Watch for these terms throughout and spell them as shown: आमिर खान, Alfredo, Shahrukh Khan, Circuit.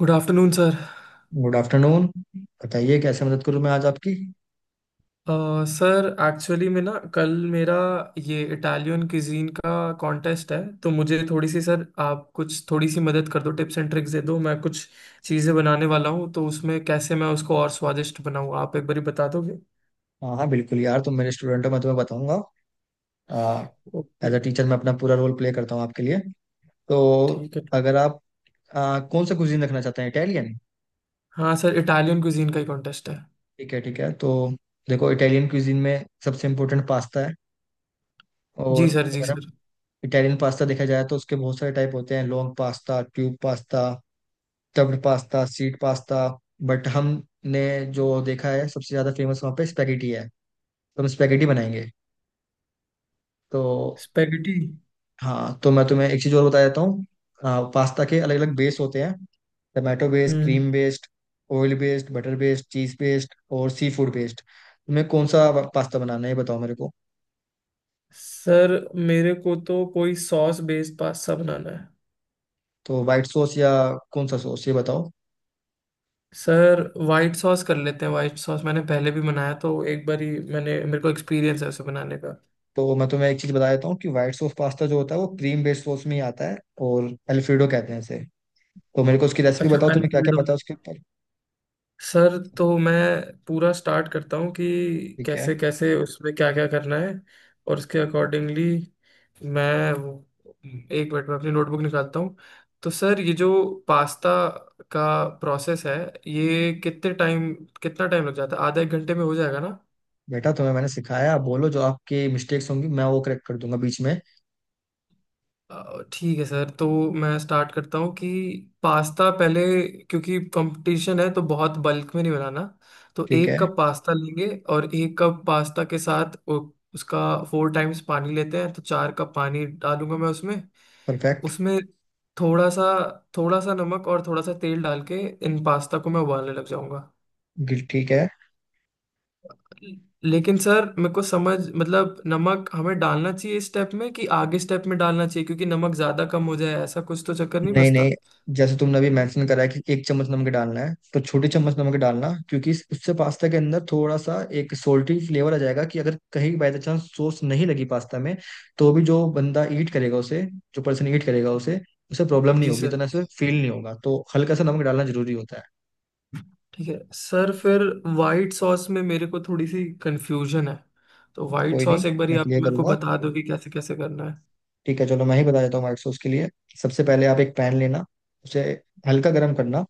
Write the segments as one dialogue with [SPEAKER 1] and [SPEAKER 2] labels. [SPEAKER 1] Good afternoon sir.
[SPEAKER 2] Good afternoon. बताइए कैसे मदद करूं मैं आज आपकी।
[SPEAKER 1] सर एक्चुअली में ना कल मेरा ये इटालियन क्विजीन का कॉन्टेस्ट है। तो मुझे थोड़ी सी सर, आप कुछ थोड़ी सी मदद कर दो, टिप्स एंड ट्रिक्स दे दो। मैं कुछ चीज़ें बनाने वाला हूँ, तो उसमें कैसे मैं उसको और स्वादिष्ट बनाऊँ, आप एक बारी बता दोगे?
[SPEAKER 2] हाँ हाँ बिल्कुल यार, तुम मेरे स्टूडेंट हो, मैं तुम्हें बताऊंगा। As
[SPEAKER 1] okay.
[SPEAKER 2] अ टीचर मैं अपना पूरा रोल प्ले करता हूँ आपके लिए। तो
[SPEAKER 1] ठीक है।
[SPEAKER 2] अगर आप कौन सा कुजीन रखना चाहते हैं, इटालियन।
[SPEAKER 1] हाँ सर, इटालियन क्विजीन का ही कॉन्टेस्ट है।
[SPEAKER 2] ठीक है ठीक है, तो देखो इटालियन कुजीन में सबसे इम्पोर्टेंट पास्ता है। और
[SPEAKER 1] जी सर, जी
[SPEAKER 2] अगर हम
[SPEAKER 1] सर।
[SPEAKER 2] इटालियन पास्ता देखा जाए तो उसके बहुत सारे टाइप होते हैं, long pasta, tube pasta, stuffed pasta, sheet pasta. But हमने जो देखा है सबसे ज्यादा फेमस वहाँ पे स्पेगेटी है, तो हम स्पेगेटी बनाएंगे। तो
[SPEAKER 1] स्पेगेटी।
[SPEAKER 2] हाँ, तो मैं तुम्हें एक चीज़ और बता देता हूँ, पास्ता के अलग अलग बेस होते हैं। Tomato based,
[SPEAKER 1] hmm.
[SPEAKER 2] Cream based, oil based, butter based, cheese based और सी फूड बेस्ड। तुम्हें कौन सा पास्ता बनाना है ये बताओ मेरे को।
[SPEAKER 1] सर, मेरे को तो कोई सॉस बेस्ड पास्ता बनाना है।
[SPEAKER 2] तो वाइट सॉस या कौन सा सॉस ये बताओ।
[SPEAKER 1] सर, वाइट सॉस कर लेते हैं। वाइट सॉस मैंने पहले भी बनाया, तो एक बार ही मैंने, मेरे को एक्सपीरियंस है उसे बनाने का।
[SPEAKER 2] तो मैं तुम्हें एक चीज़ बता देता हूँ कि वाइट सॉस पास्ता जो होता है वो क्रीम बेस्ड सॉस में ही आता है, और एल्फ्रेडो कहते हैं इसे। तो मेरे को उसकी रेसिपी
[SPEAKER 1] अच्छा,
[SPEAKER 2] बताओ, तुम्हें क्या क्या
[SPEAKER 1] अल्फ्रेडो।
[SPEAKER 2] पता है उसके ऊपर।
[SPEAKER 1] सर, तो मैं पूरा स्टार्ट करता हूँ कि
[SPEAKER 2] ठीक है
[SPEAKER 1] कैसे कैसे उसमें क्या क्या करना है, और उसके अकॉर्डिंगली मैं वो- 1 मिनट में अपनी नोटबुक निकालता हूँ। तो सर, ये जो पास्ता का प्रोसेस है, ये कितने टाइम, कितना टाइम लग जाता है? आधा एक घंटे में हो जाएगा ना?
[SPEAKER 2] बेटा, तुम्हें मैंने सिखाया, आप बोलो, जो आपकी मिस्टेक्स होंगी मैं वो करेक्ट कर दूंगा बीच में।
[SPEAKER 1] ठीक है सर, तो मैं स्टार्ट करता हूँ कि पास्ता पहले, क्योंकि कंपटीशन है तो बहुत बल्क में नहीं बनाना। तो
[SPEAKER 2] ठीक है।
[SPEAKER 1] 1 कप पास्ता लेंगे। और 1 कप पास्ता के साथ उसका 4 टाइम्स पानी लेते हैं, तो 4 कप पानी डालूंगा मैं उसमें।
[SPEAKER 2] परफेक्ट।
[SPEAKER 1] उसमें थोड़ा सा, थोड़ा सा नमक और थोड़ा सा तेल डाल के इन पास्ता को मैं उबालने लग जाऊंगा।
[SPEAKER 2] ठीक है।
[SPEAKER 1] लेकिन सर, मेरे को समझ, मतलब नमक हमें डालना चाहिए इस स्टेप में कि आगे स्टेप में डालना चाहिए, क्योंकि नमक ज्यादा कम हो जाए ऐसा कुछ तो चक्कर नहीं
[SPEAKER 2] नहीं
[SPEAKER 1] बसता?
[SPEAKER 2] नहीं, जैसे तुमने अभी मेंशन करा है कि एक चम्मच नमक डालना है, तो छोटी चम्मच नमक डालना, क्योंकि उससे पास्ता के अंदर थोड़ा सा एक सोल्टी फ्लेवर आ जाएगा कि अगर कहीं बाय चांस सॉस नहीं लगी पास्ता में, तो भी जो बंदा ईट करेगा उसे, जो पर्सन ईट करेगा उसे, उसे प्रॉब्लम नहीं
[SPEAKER 1] जी
[SPEAKER 2] होगी,
[SPEAKER 1] सर।
[SPEAKER 2] इतना से फील नहीं होगा, तो हल्का सा नमक डालना जरूरी होता
[SPEAKER 1] ठीक है सर, फिर वाइट सॉस में मेरे को थोड़ी सी कंफ्यूजन है, तो
[SPEAKER 2] है।
[SPEAKER 1] वाइट
[SPEAKER 2] कोई नहीं,
[SPEAKER 1] सॉस एक बारी
[SPEAKER 2] मैं
[SPEAKER 1] आप
[SPEAKER 2] क्लियर
[SPEAKER 1] मेरे को
[SPEAKER 2] करूंगा।
[SPEAKER 1] बता दो कि कैसे कैसे करना है।
[SPEAKER 2] ठीक है, चलो मैं ही बता देता हूँ। व्हाइट सॉस के लिए सबसे पहले आप एक पैन लेना, उसे हल्का गर्म करना,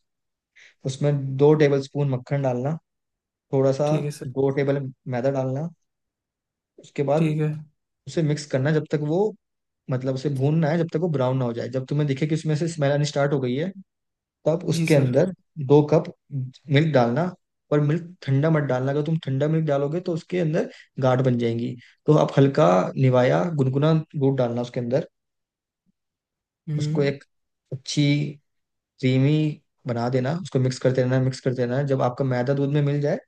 [SPEAKER 2] उसमें 2 टेबल स्पून मक्खन डालना। थोड़ा सा
[SPEAKER 1] ठीक है सर।
[SPEAKER 2] 2 टेबल मैदा डालना। उसके बाद
[SPEAKER 1] ठीक है।
[SPEAKER 2] उसे मिक्स करना जब तक वो, मतलब उसे भूनना है जब तक वो ब्राउन ना हो जाए। जब तुम्हें दिखे कि उसमें से स्मेल आनी स्टार्ट हो गई है, तब
[SPEAKER 1] जी
[SPEAKER 2] उसके
[SPEAKER 1] सर।
[SPEAKER 2] अंदर 2 कप मिल्क डालना। पर मिल्क ठंडा मत डालना, अगर तुम ठंडा मिल्क डालोगे तो उसके अंदर गाढ़ बन जाएंगी। तो आप हल्का निवाया गुनगुना दूध डालना उसके अंदर। उसको
[SPEAKER 1] हम्म।
[SPEAKER 2] एक अच्छी क्रीमी बना देना, उसको मिक्स करते रहना मिक्स करते रहना, जब आपका मैदा दूध में मिल जाए,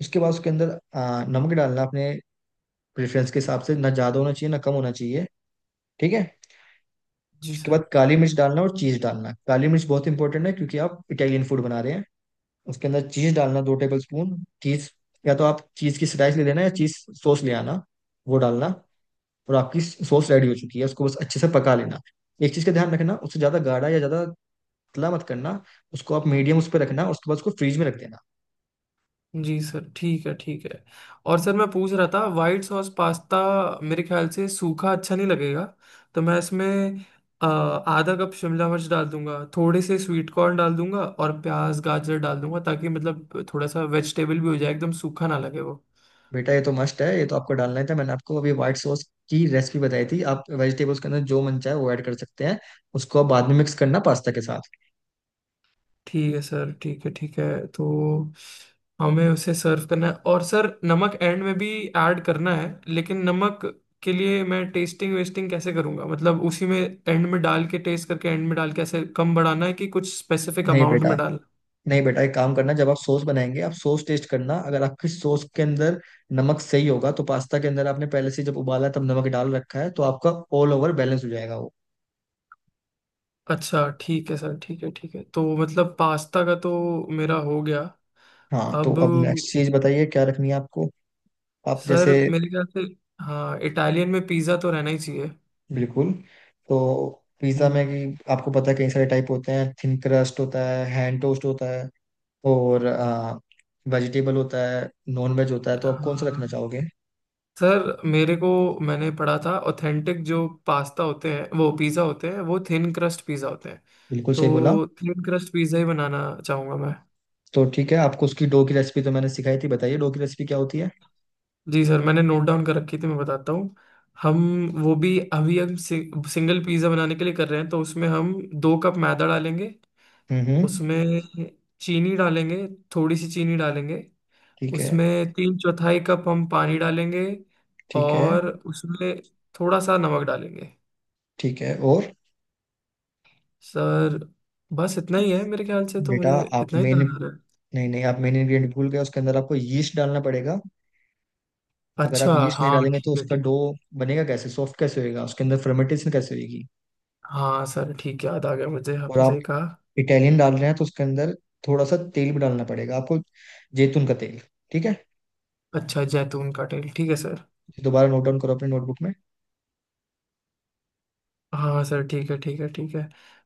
[SPEAKER 2] उसके बाद उसके अंदर नमक डालना अपने प्रेफरेंस के हिसाब से, ना ज़्यादा होना चाहिए ना कम होना चाहिए। ठीक है।
[SPEAKER 1] जी
[SPEAKER 2] उसके
[SPEAKER 1] सर।
[SPEAKER 2] बाद काली मिर्च डालना और चीज़ डालना, काली मिर्च बहुत इंपॉर्टेंट है क्योंकि आप इटालियन फूड बना रहे हैं। उसके अंदर चीज़ डालना, 2 टेबल स्पून चीज़। या तो आप चीज़ की स्लाइस ले लेना या चीज़ सॉस ले आना, वो डालना। और आपकी सॉस रेडी हो चुकी है, उसको बस अच्छे से पका लेना। एक चीज़ का ध्यान रखना, उससे ज़्यादा गाढ़ा या ज़्यादा पतला मत करना। उसको आप मीडियम उस पर रखना और उसके बाद उसको फ्रीज में रख देना।
[SPEAKER 1] जी सर, ठीक है, ठीक है। और सर, मैं पूछ रहा था वाइट सॉस पास्ता मेरे ख्याल से सूखा अच्छा नहीं लगेगा। तो मैं इसमें 1/2 कप शिमला मिर्च डाल दूंगा, थोड़े से स्वीट कॉर्न डाल दूंगा और प्याज, गाजर डाल दूंगा, ताकि मतलब थोड़ा सा वेजिटेबल भी हो जाए, एकदम सूखा ना लगे वो।
[SPEAKER 2] बेटा ये तो मस्ट है, ये तो आपको डालना ही था, मैंने आपको अभी व्हाइट सॉस की रेसिपी बताई थी, आप वेजिटेबल्स के अंदर जो मन चाहे वो ऐड कर सकते हैं। उसको आप बाद में मिक्स करना पास्ता के साथ।
[SPEAKER 1] ठीक है सर, ठीक है, ठीक है। तो हमें उसे सर्व करना है, और सर, नमक एंड में भी ऐड करना है। लेकिन नमक के लिए मैं टेस्टिंग वेस्टिंग कैसे करूंगा? मतलब उसी में एंड में डाल के टेस्ट करके, एंड में डाल के ऐसे कम बढ़ाना है कि कुछ स्पेसिफिक
[SPEAKER 2] नहीं
[SPEAKER 1] अमाउंट
[SPEAKER 2] बेटा,
[SPEAKER 1] में डाल?
[SPEAKER 2] नहीं बेटा, एक काम करना, जब आप सॉस बनाएंगे आप सॉस टेस्ट करना। अगर आपकी सॉस के अंदर नमक सही होगा, तो पास्ता के अंदर आपने पहले से जब उबाला तब नमक डाल रखा है, तो आपका ऑल ओवर बैलेंस हो जाएगा वो।
[SPEAKER 1] अच्छा ठीक है सर, ठीक है, ठीक है। तो मतलब पास्ता का तो मेरा हो गया।
[SPEAKER 2] हाँ, तो
[SPEAKER 1] अब
[SPEAKER 2] अब नेक्स्ट चीज बताइए क्या रखनी है आपको। आप जैसे।
[SPEAKER 1] सर, मेरे ख्याल से, हाँ इटालियन में पिज़्ज़ा तो रहना ही चाहिए।
[SPEAKER 2] बिल्कुल। तो पिज्जा में,
[SPEAKER 1] हम्म।
[SPEAKER 2] कि आपको पता है कई सारे टाइप होते हैं, थिन क्रस्ट होता है, हैंड टोस्ट होता है, और वेजिटेबल होता है, नॉन वेज होता है, तो आप कौन सा रखना
[SPEAKER 1] हाँ
[SPEAKER 2] चाहोगे।
[SPEAKER 1] सर, मेरे को, मैंने पढ़ा था ऑथेंटिक जो पास्ता होते हैं वो पिज़्ज़ा होते हैं, वो थिन क्रस्ट पिज़्ज़ा होते हैं।
[SPEAKER 2] बिल्कुल सही बोला।
[SPEAKER 1] तो थिन क्रस्ट पिज़्ज़ा ही बनाना चाहूँगा मैं।
[SPEAKER 2] तो ठीक है, आपको उसकी डो की रेसिपी तो मैंने सिखाई थी, बताइए डो की रेसिपी क्या होती है।
[SPEAKER 1] जी सर, मैंने नोट डाउन कर रखी थी, मैं बताता हूँ। हम वो भी अभी हम सिंगल पिज़्ज़ा बनाने के लिए कर रहे हैं, तो उसमें हम 2 कप मैदा डालेंगे।
[SPEAKER 2] हम्म हम्म,
[SPEAKER 1] उसमें चीनी डालेंगे, थोड़ी सी चीनी डालेंगे।
[SPEAKER 2] ठीक है।
[SPEAKER 1] उसमें 3/4 कप हम पानी डालेंगे।
[SPEAKER 2] ठीक है।
[SPEAKER 1] और उसमें थोड़ा सा नमक डालेंगे।
[SPEAKER 2] ठीक है और
[SPEAKER 1] सर, बस इतना ही है मेरे ख्याल से, तो
[SPEAKER 2] बेटा,
[SPEAKER 1] मुझे
[SPEAKER 2] आप
[SPEAKER 1] इतना ही
[SPEAKER 2] मेन
[SPEAKER 1] ध्यान आ रहा है।
[SPEAKER 2] नहीं नहीं आप मेन इंग्रेडिएंट भूल गए, उसके अंदर आपको यीस्ट डालना पड़ेगा। अगर आप
[SPEAKER 1] अच्छा,
[SPEAKER 2] यीस्ट नहीं
[SPEAKER 1] हाँ,
[SPEAKER 2] डालेंगे तो
[SPEAKER 1] ठीक है,
[SPEAKER 2] उसका
[SPEAKER 1] ठीक।
[SPEAKER 2] डो बनेगा कैसे, सॉफ्ट कैसे होएगा, उसके अंदर फर्मेंटेशन कैसे होगी।
[SPEAKER 1] हाँ सर, ठीक है, याद आ गया मुझे,
[SPEAKER 2] और
[SPEAKER 1] आपने
[SPEAKER 2] आप
[SPEAKER 1] सही कहा।
[SPEAKER 2] इटालियन डाल रहे हैं तो उसके अंदर थोड़ा सा तेल भी डालना पड़ेगा आपको, जैतून का तेल। ठीक है।
[SPEAKER 1] अच्छा, जैतून का तेल, ठीक है सर।
[SPEAKER 2] दोबारा नोट डाउन करो अपने नोटबुक में।
[SPEAKER 1] हाँ सर, ठीक है, ठीक है, ठीक है।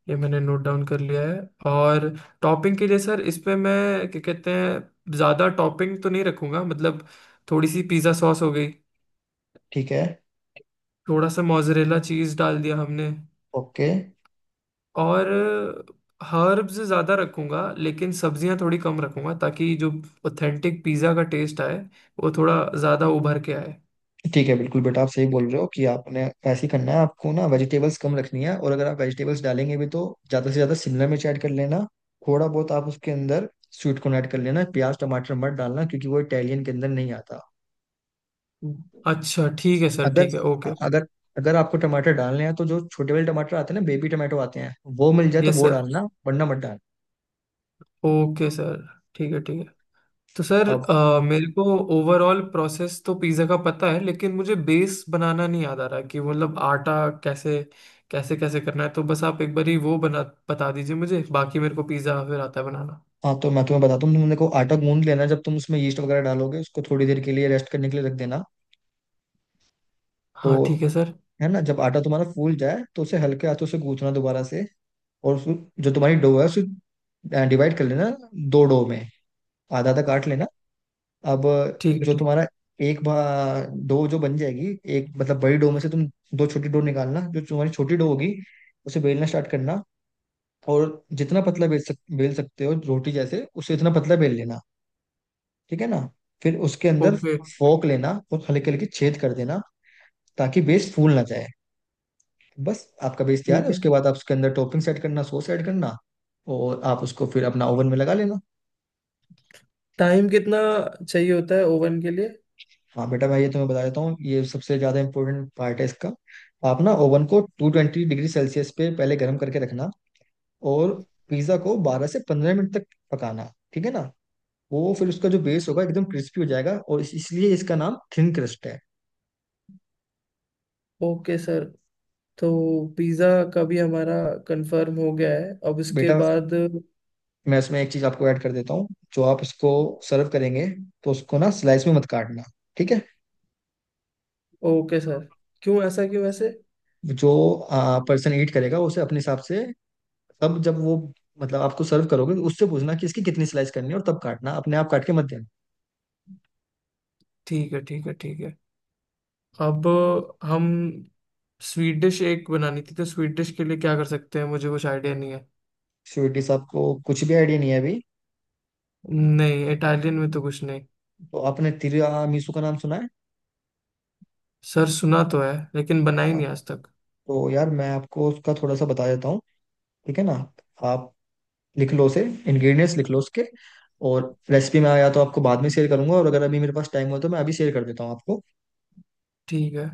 [SPEAKER 1] ये मैंने नोट डाउन कर लिया है। और टॉपिंग के लिए सर, इस पे मैं क्या कहते हैं, ज़्यादा टॉपिंग तो नहीं रखूंगा, मतलब थोड़ी सी पिज़्ज़ा सॉस हो गई,
[SPEAKER 2] ठीक है।
[SPEAKER 1] थोड़ा सा मोजरेला चीज़ डाल दिया हमने।
[SPEAKER 2] ओके।
[SPEAKER 1] और हर्ब्स ज़्यादा रखूंगा लेकिन सब्जियां थोड़ी कम रखूंगा, ताकि जो ऑथेंटिक पिज़्ज़ा का टेस्ट आए, वो थोड़ा ज़्यादा उभर के आए।
[SPEAKER 2] ठीक है, बिल्कुल बेटा, आप सही बोल रहे हो कि आपने ऐसे ही करना है, आपको ना वेजिटेबल्स कम रखनी है, और अगर आप वेजिटेबल्स डालेंगे भी तो ज़्यादा से ज़्यादा शिमला मिर्च ऐड कर लेना, थोड़ा बहुत आप उसके अंदर स्वीट कॉर्न ऐड कर लेना, प्याज टमाटर मत डालना क्योंकि वो इटालियन के अंदर नहीं आता।
[SPEAKER 1] अच्छा ठीक है सर,
[SPEAKER 2] अगर
[SPEAKER 1] ठीक है, ओके।
[SPEAKER 2] अगर अगर आपको टमाटर डालने हैं तो जो छोटे वाले टमाटर आते हैं ना, बेबी टमाटो आते हैं, वो मिल जाए तो
[SPEAKER 1] यस
[SPEAKER 2] वो
[SPEAKER 1] सर।
[SPEAKER 2] डालना, वरना मत डालना।
[SPEAKER 1] ओके सर, ठीक है, ठीक है। तो सर,
[SPEAKER 2] अब
[SPEAKER 1] मेरे को ओवरऑल प्रोसेस तो पिज़्ज़ा का पता है, लेकिन मुझे बेस बनाना नहीं याद आ रहा कि मतलब आटा कैसे, कैसे कैसे करना है। तो बस आप एक बार ही वो बना, बता दीजिए मुझे, बाकी मेरे को पिज़्ज़ा फिर आता है बनाना।
[SPEAKER 2] हाँ, तो मैं तुम्हें बताता हूँ, तुम देखो आटा गूंद लेना, जब तुम उसमें यीस्ट वगैरह डालोगे, उसको थोड़ी देर के लिए रेस्ट करने के लिए रख देना।
[SPEAKER 1] हाँ
[SPEAKER 2] तो
[SPEAKER 1] ठीक है सर,
[SPEAKER 2] है ना, जब आटा तुम्हारा फूल जाए तो उसे हल्के हाथों से गूंथना दोबारा से। और उसको, जो तुम्हारी डो है उसे डिवाइड कर लेना दो डो में, आधा आधा काट लेना। अब
[SPEAKER 1] ठीक है,
[SPEAKER 2] जो
[SPEAKER 1] ठीक।
[SPEAKER 2] तुम्हारा एक भा डो जो बन जाएगी, एक मतलब बड़ी डो में से तुम दो छोटी डो निकालना। जो तुम्हारी छोटी डो होगी उसे बेलना स्टार्ट करना, और जितना पतला बेल सकते हो, रोटी जैसे उसे इतना पतला बेल लेना। ठीक है ना। फिर उसके अंदर
[SPEAKER 1] ओके।
[SPEAKER 2] फोक लेना और हल्के हल्के छेद कर देना, ताकि बेस फूल ना जाए। बस आपका बेस तैयार है,
[SPEAKER 1] ठीक है।
[SPEAKER 2] उसके बाद आप उसके अंदर टॉपिंग सेट करना, सॉस ऐड करना, और आप उसको फिर अपना ओवन में लगा लेना।
[SPEAKER 1] टाइम कितना चाहिए होता है ओवन के लिए?
[SPEAKER 2] हाँ बेटा, मैं ये तुम्हें बता देता हूँ, ये सबसे ज़्यादा इंपॉर्टेंट पार्ट है इसका। आप ना ओवन को 220°C पे पहले गर्म करके रखना, और पिज़्ज़ा को 12 से 15 मिनट तक पकाना। ठीक है ना। वो फिर उसका जो बेस होगा एकदम क्रिस्पी हो जाएगा, और इसलिए इसका नाम थिन क्रस्ट है।
[SPEAKER 1] Okay sir. तो पिज़्ज़ा का भी हमारा कंफर्म हो गया है, अब इसके
[SPEAKER 2] बेटा,
[SPEAKER 1] बाद।
[SPEAKER 2] मैं इसमें एक चीज़ आपको ऐड कर देता हूँ, जो आप इसको सर्व करेंगे तो उसको ना स्लाइस में मत काटना। ठीक है।
[SPEAKER 1] ओके सर, क्यों ऐसा, क्यों ऐसे?
[SPEAKER 2] जो पर्सन ईट करेगा उसे अपने हिसाब से, तब जब वो, मतलब आपको सर्व करोगे तो उससे पूछना कि इसकी कितनी स्लाइस करनी है और तब काटना, अपने आप काट के मत देना।
[SPEAKER 1] ठीक है, ठीक है, ठीक है। अब हम, स्वीट डिश एक बनानी थी, तो स्वीट डिश के लिए क्या कर सकते हैं? मुझे कुछ आइडिया नहीं है।
[SPEAKER 2] श्योर डिश आपको कुछ भी आइडिया नहीं है अभी।
[SPEAKER 1] नहीं, इटालियन में तो कुछ नहीं।
[SPEAKER 2] तो आपने तिरामिसू का नाम सुना है।
[SPEAKER 1] सर, सुना तो है, लेकिन बनाई
[SPEAKER 2] हाँ,
[SPEAKER 1] नहीं आज तक।
[SPEAKER 2] तो यार मैं आपको उसका थोड़ा सा बता देता हूँ। ठीक है ना। आप लिख लो उसे, इंग्रेडिएंट्स लिख लो उसके, और रेसिपी मैं या तो आपको बाद में शेयर करूंगा, और अगर अभी मेरे पास टाइम हो तो मैं अभी शेयर कर देता हूँ आपको।
[SPEAKER 1] ठीक है।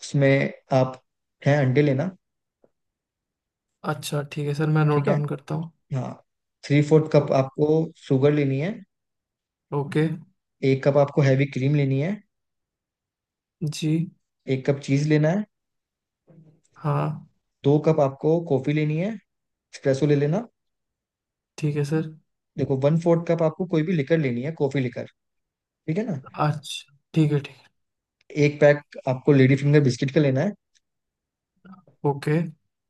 [SPEAKER 2] उसमें आप है अंडे लेना।
[SPEAKER 1] अच्छा ठीक है सर, मैं नोट
[SPEAKER 2] ठीक है।
[SPEAKER 1] डाउन करता हूँ।
[SPEAKER 2] हाँ, 3/4 कप
[SPEAKER 1] ओ-
[SPEAKER 2] आपको शुगर लेनी है।
[SPEAKER 1] ओके।
[SPEAKER 2] 1 कप आपको हैवी क्रीम लेनी है।
[SPEAKER 1] जी।
[SPEAKER 2] एक कप चीज लेना है।
[SPEAKER 1] हाँ।
[SPEAKER 2] 2 कप आपको कॉफी लेनी है, एक्सप्रेसो ले लेना।
[SPEAKER 1] ठीक है सर।
[SPEAKER 2] देखो 1/4 कप आपको कोई भी लिकर लेनी है, कॉफी लिकर। ठीक है ना।
[SPEAKER 1] अच्छा ठीक है, ठीक
[SPEAKER 2] एक पैक आपको लेडी फिंगर बिस्किट का लेना है।
[SPEAKER 1] है। ओके।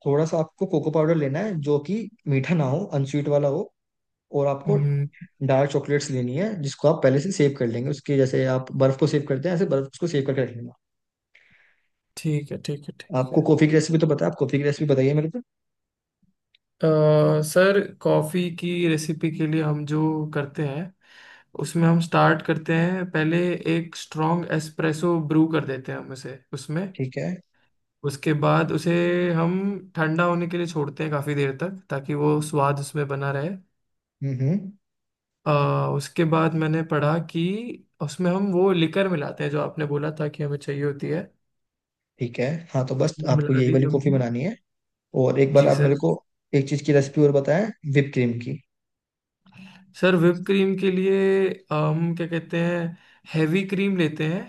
[SPEAKER 2] थोड़ा सा आपको कोको पाउडर लेना है जो कि मीठा ना हो, अनस्वीट वाला हो। और आपको
[SPEAKER 1] हम्म।
[SPEAKER 2] डार्क चॉकलेट्स लेनी है जिसको आप पहले से सेव कर लेंगे, उसके जैसे आप बर्फ को सेव करते हैं, ऐसे बर्फ को सेव करके रख लेना।
[SPEAKER 1] ठीक है, ठीक है, ठीक है।
[SPEAKER 2] आपको कॉफी की रेसिपी तो बताया, आप कॉफी की रेसिपी बताइए मेरे को।
[SPEAKER 1] सर, कॉफ़ी की रेसिपी के लिए हम जो करते हैं, उसमें हम स्टार्ट करते हैं पहले, एक स्ट्रॉन्ग एस्प्रेसो ब्रू कर देते हैं हम उसे उसमें।
[SPEAKER 2] ठीक है।
[SPEAKER 1] उसके बाद उसे हम ठंडा होने के लिए छोड़ते हैं काफ़ी देर तक, ताकि वो स्वाद उसमें बना रहे।
[SPEAKER 2] हम्म हम्म
[SPEAKER 1] अ, उसके बाद मैंने पढ़ा कि उसमें हम वो लिकर मिलाते हैं जो आपने बोला था कि हमें चाहिए होती है।
[SPEAKER 2] ठीक है। हाँ, तो बस
[SPEAKER 1] वो
[SPEAKER 2] आपको
[SPEAKER 1] मिला
[SPEAKER 2] यही
[SPEAKER 1] दी
[SPEAKER 2] वाली कॉफी
[SPEAKER 1] हमने।
[SPEAKER 2] बनानी है। और एक बार
[SPEAKER 1] जी
[SPEAKER 2] आप
[SPEAKER 1] सर।
[SPEAKER 2] मेरे को एक चीज की रेसिपी और बताएं, whipped क्रीम की।
[SPEAKER 1] सर, whipped क्रीम के लिए हम क्या कहते हैं, हैवी क्रीम लेते हैं।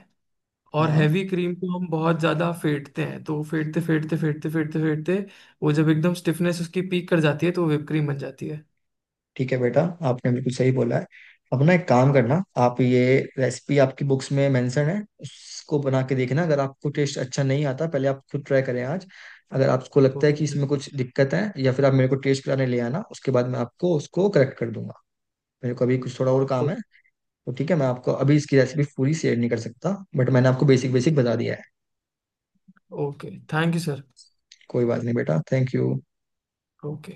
[SPEAKER 1] और
[SPEAKER 2] हाँ।
[SPEAKER 1] हैवी क्रीम को हम बहुत ज़्यादा फेंटते हैं, तो फेंटते फेंटते फेंटते फेंटते फेंटते वो जब एकदम स्टिफनेस उसकी पीक कर जाती है, तो वो whipped क्रीम बन जाती है।
[SPEAKER 2] ठीक है बेटा, आपने बिल्कुल सही बोला है। अपना एक काम करना, आप ये रेसिपी आपकी बुक्स में मेंशन है, उसको बना के देखना। अगर आपको टेस्ट अच्छा नहीं आता, पहले आप खुद ट्राई करें आज। अगर आपको लगता है कि
[SPEAKER 1] ओके।
[SPEAKER 2] इसमें कुछ दिक्कत है या फिर आप मेरे को टेस्ट कराने ले आना, उसके बाद मैं आपको उसको करेक्ट कर दूंगा। मेरे को अभी कुछ थोड़ा और काम है, तो ठीक है मैं आपको अभी इसकी रेसिपी पूरी शेयर नहीं कर सकता, बट मैंने आपको बेसिक बेसिक बता दिया है।
[SPEAKER 1] Okay, thank you sir.
[SPEAKER 2] कोई बात नहीं बेटा, थैंक यू।
[SPEAKER 1] ओके।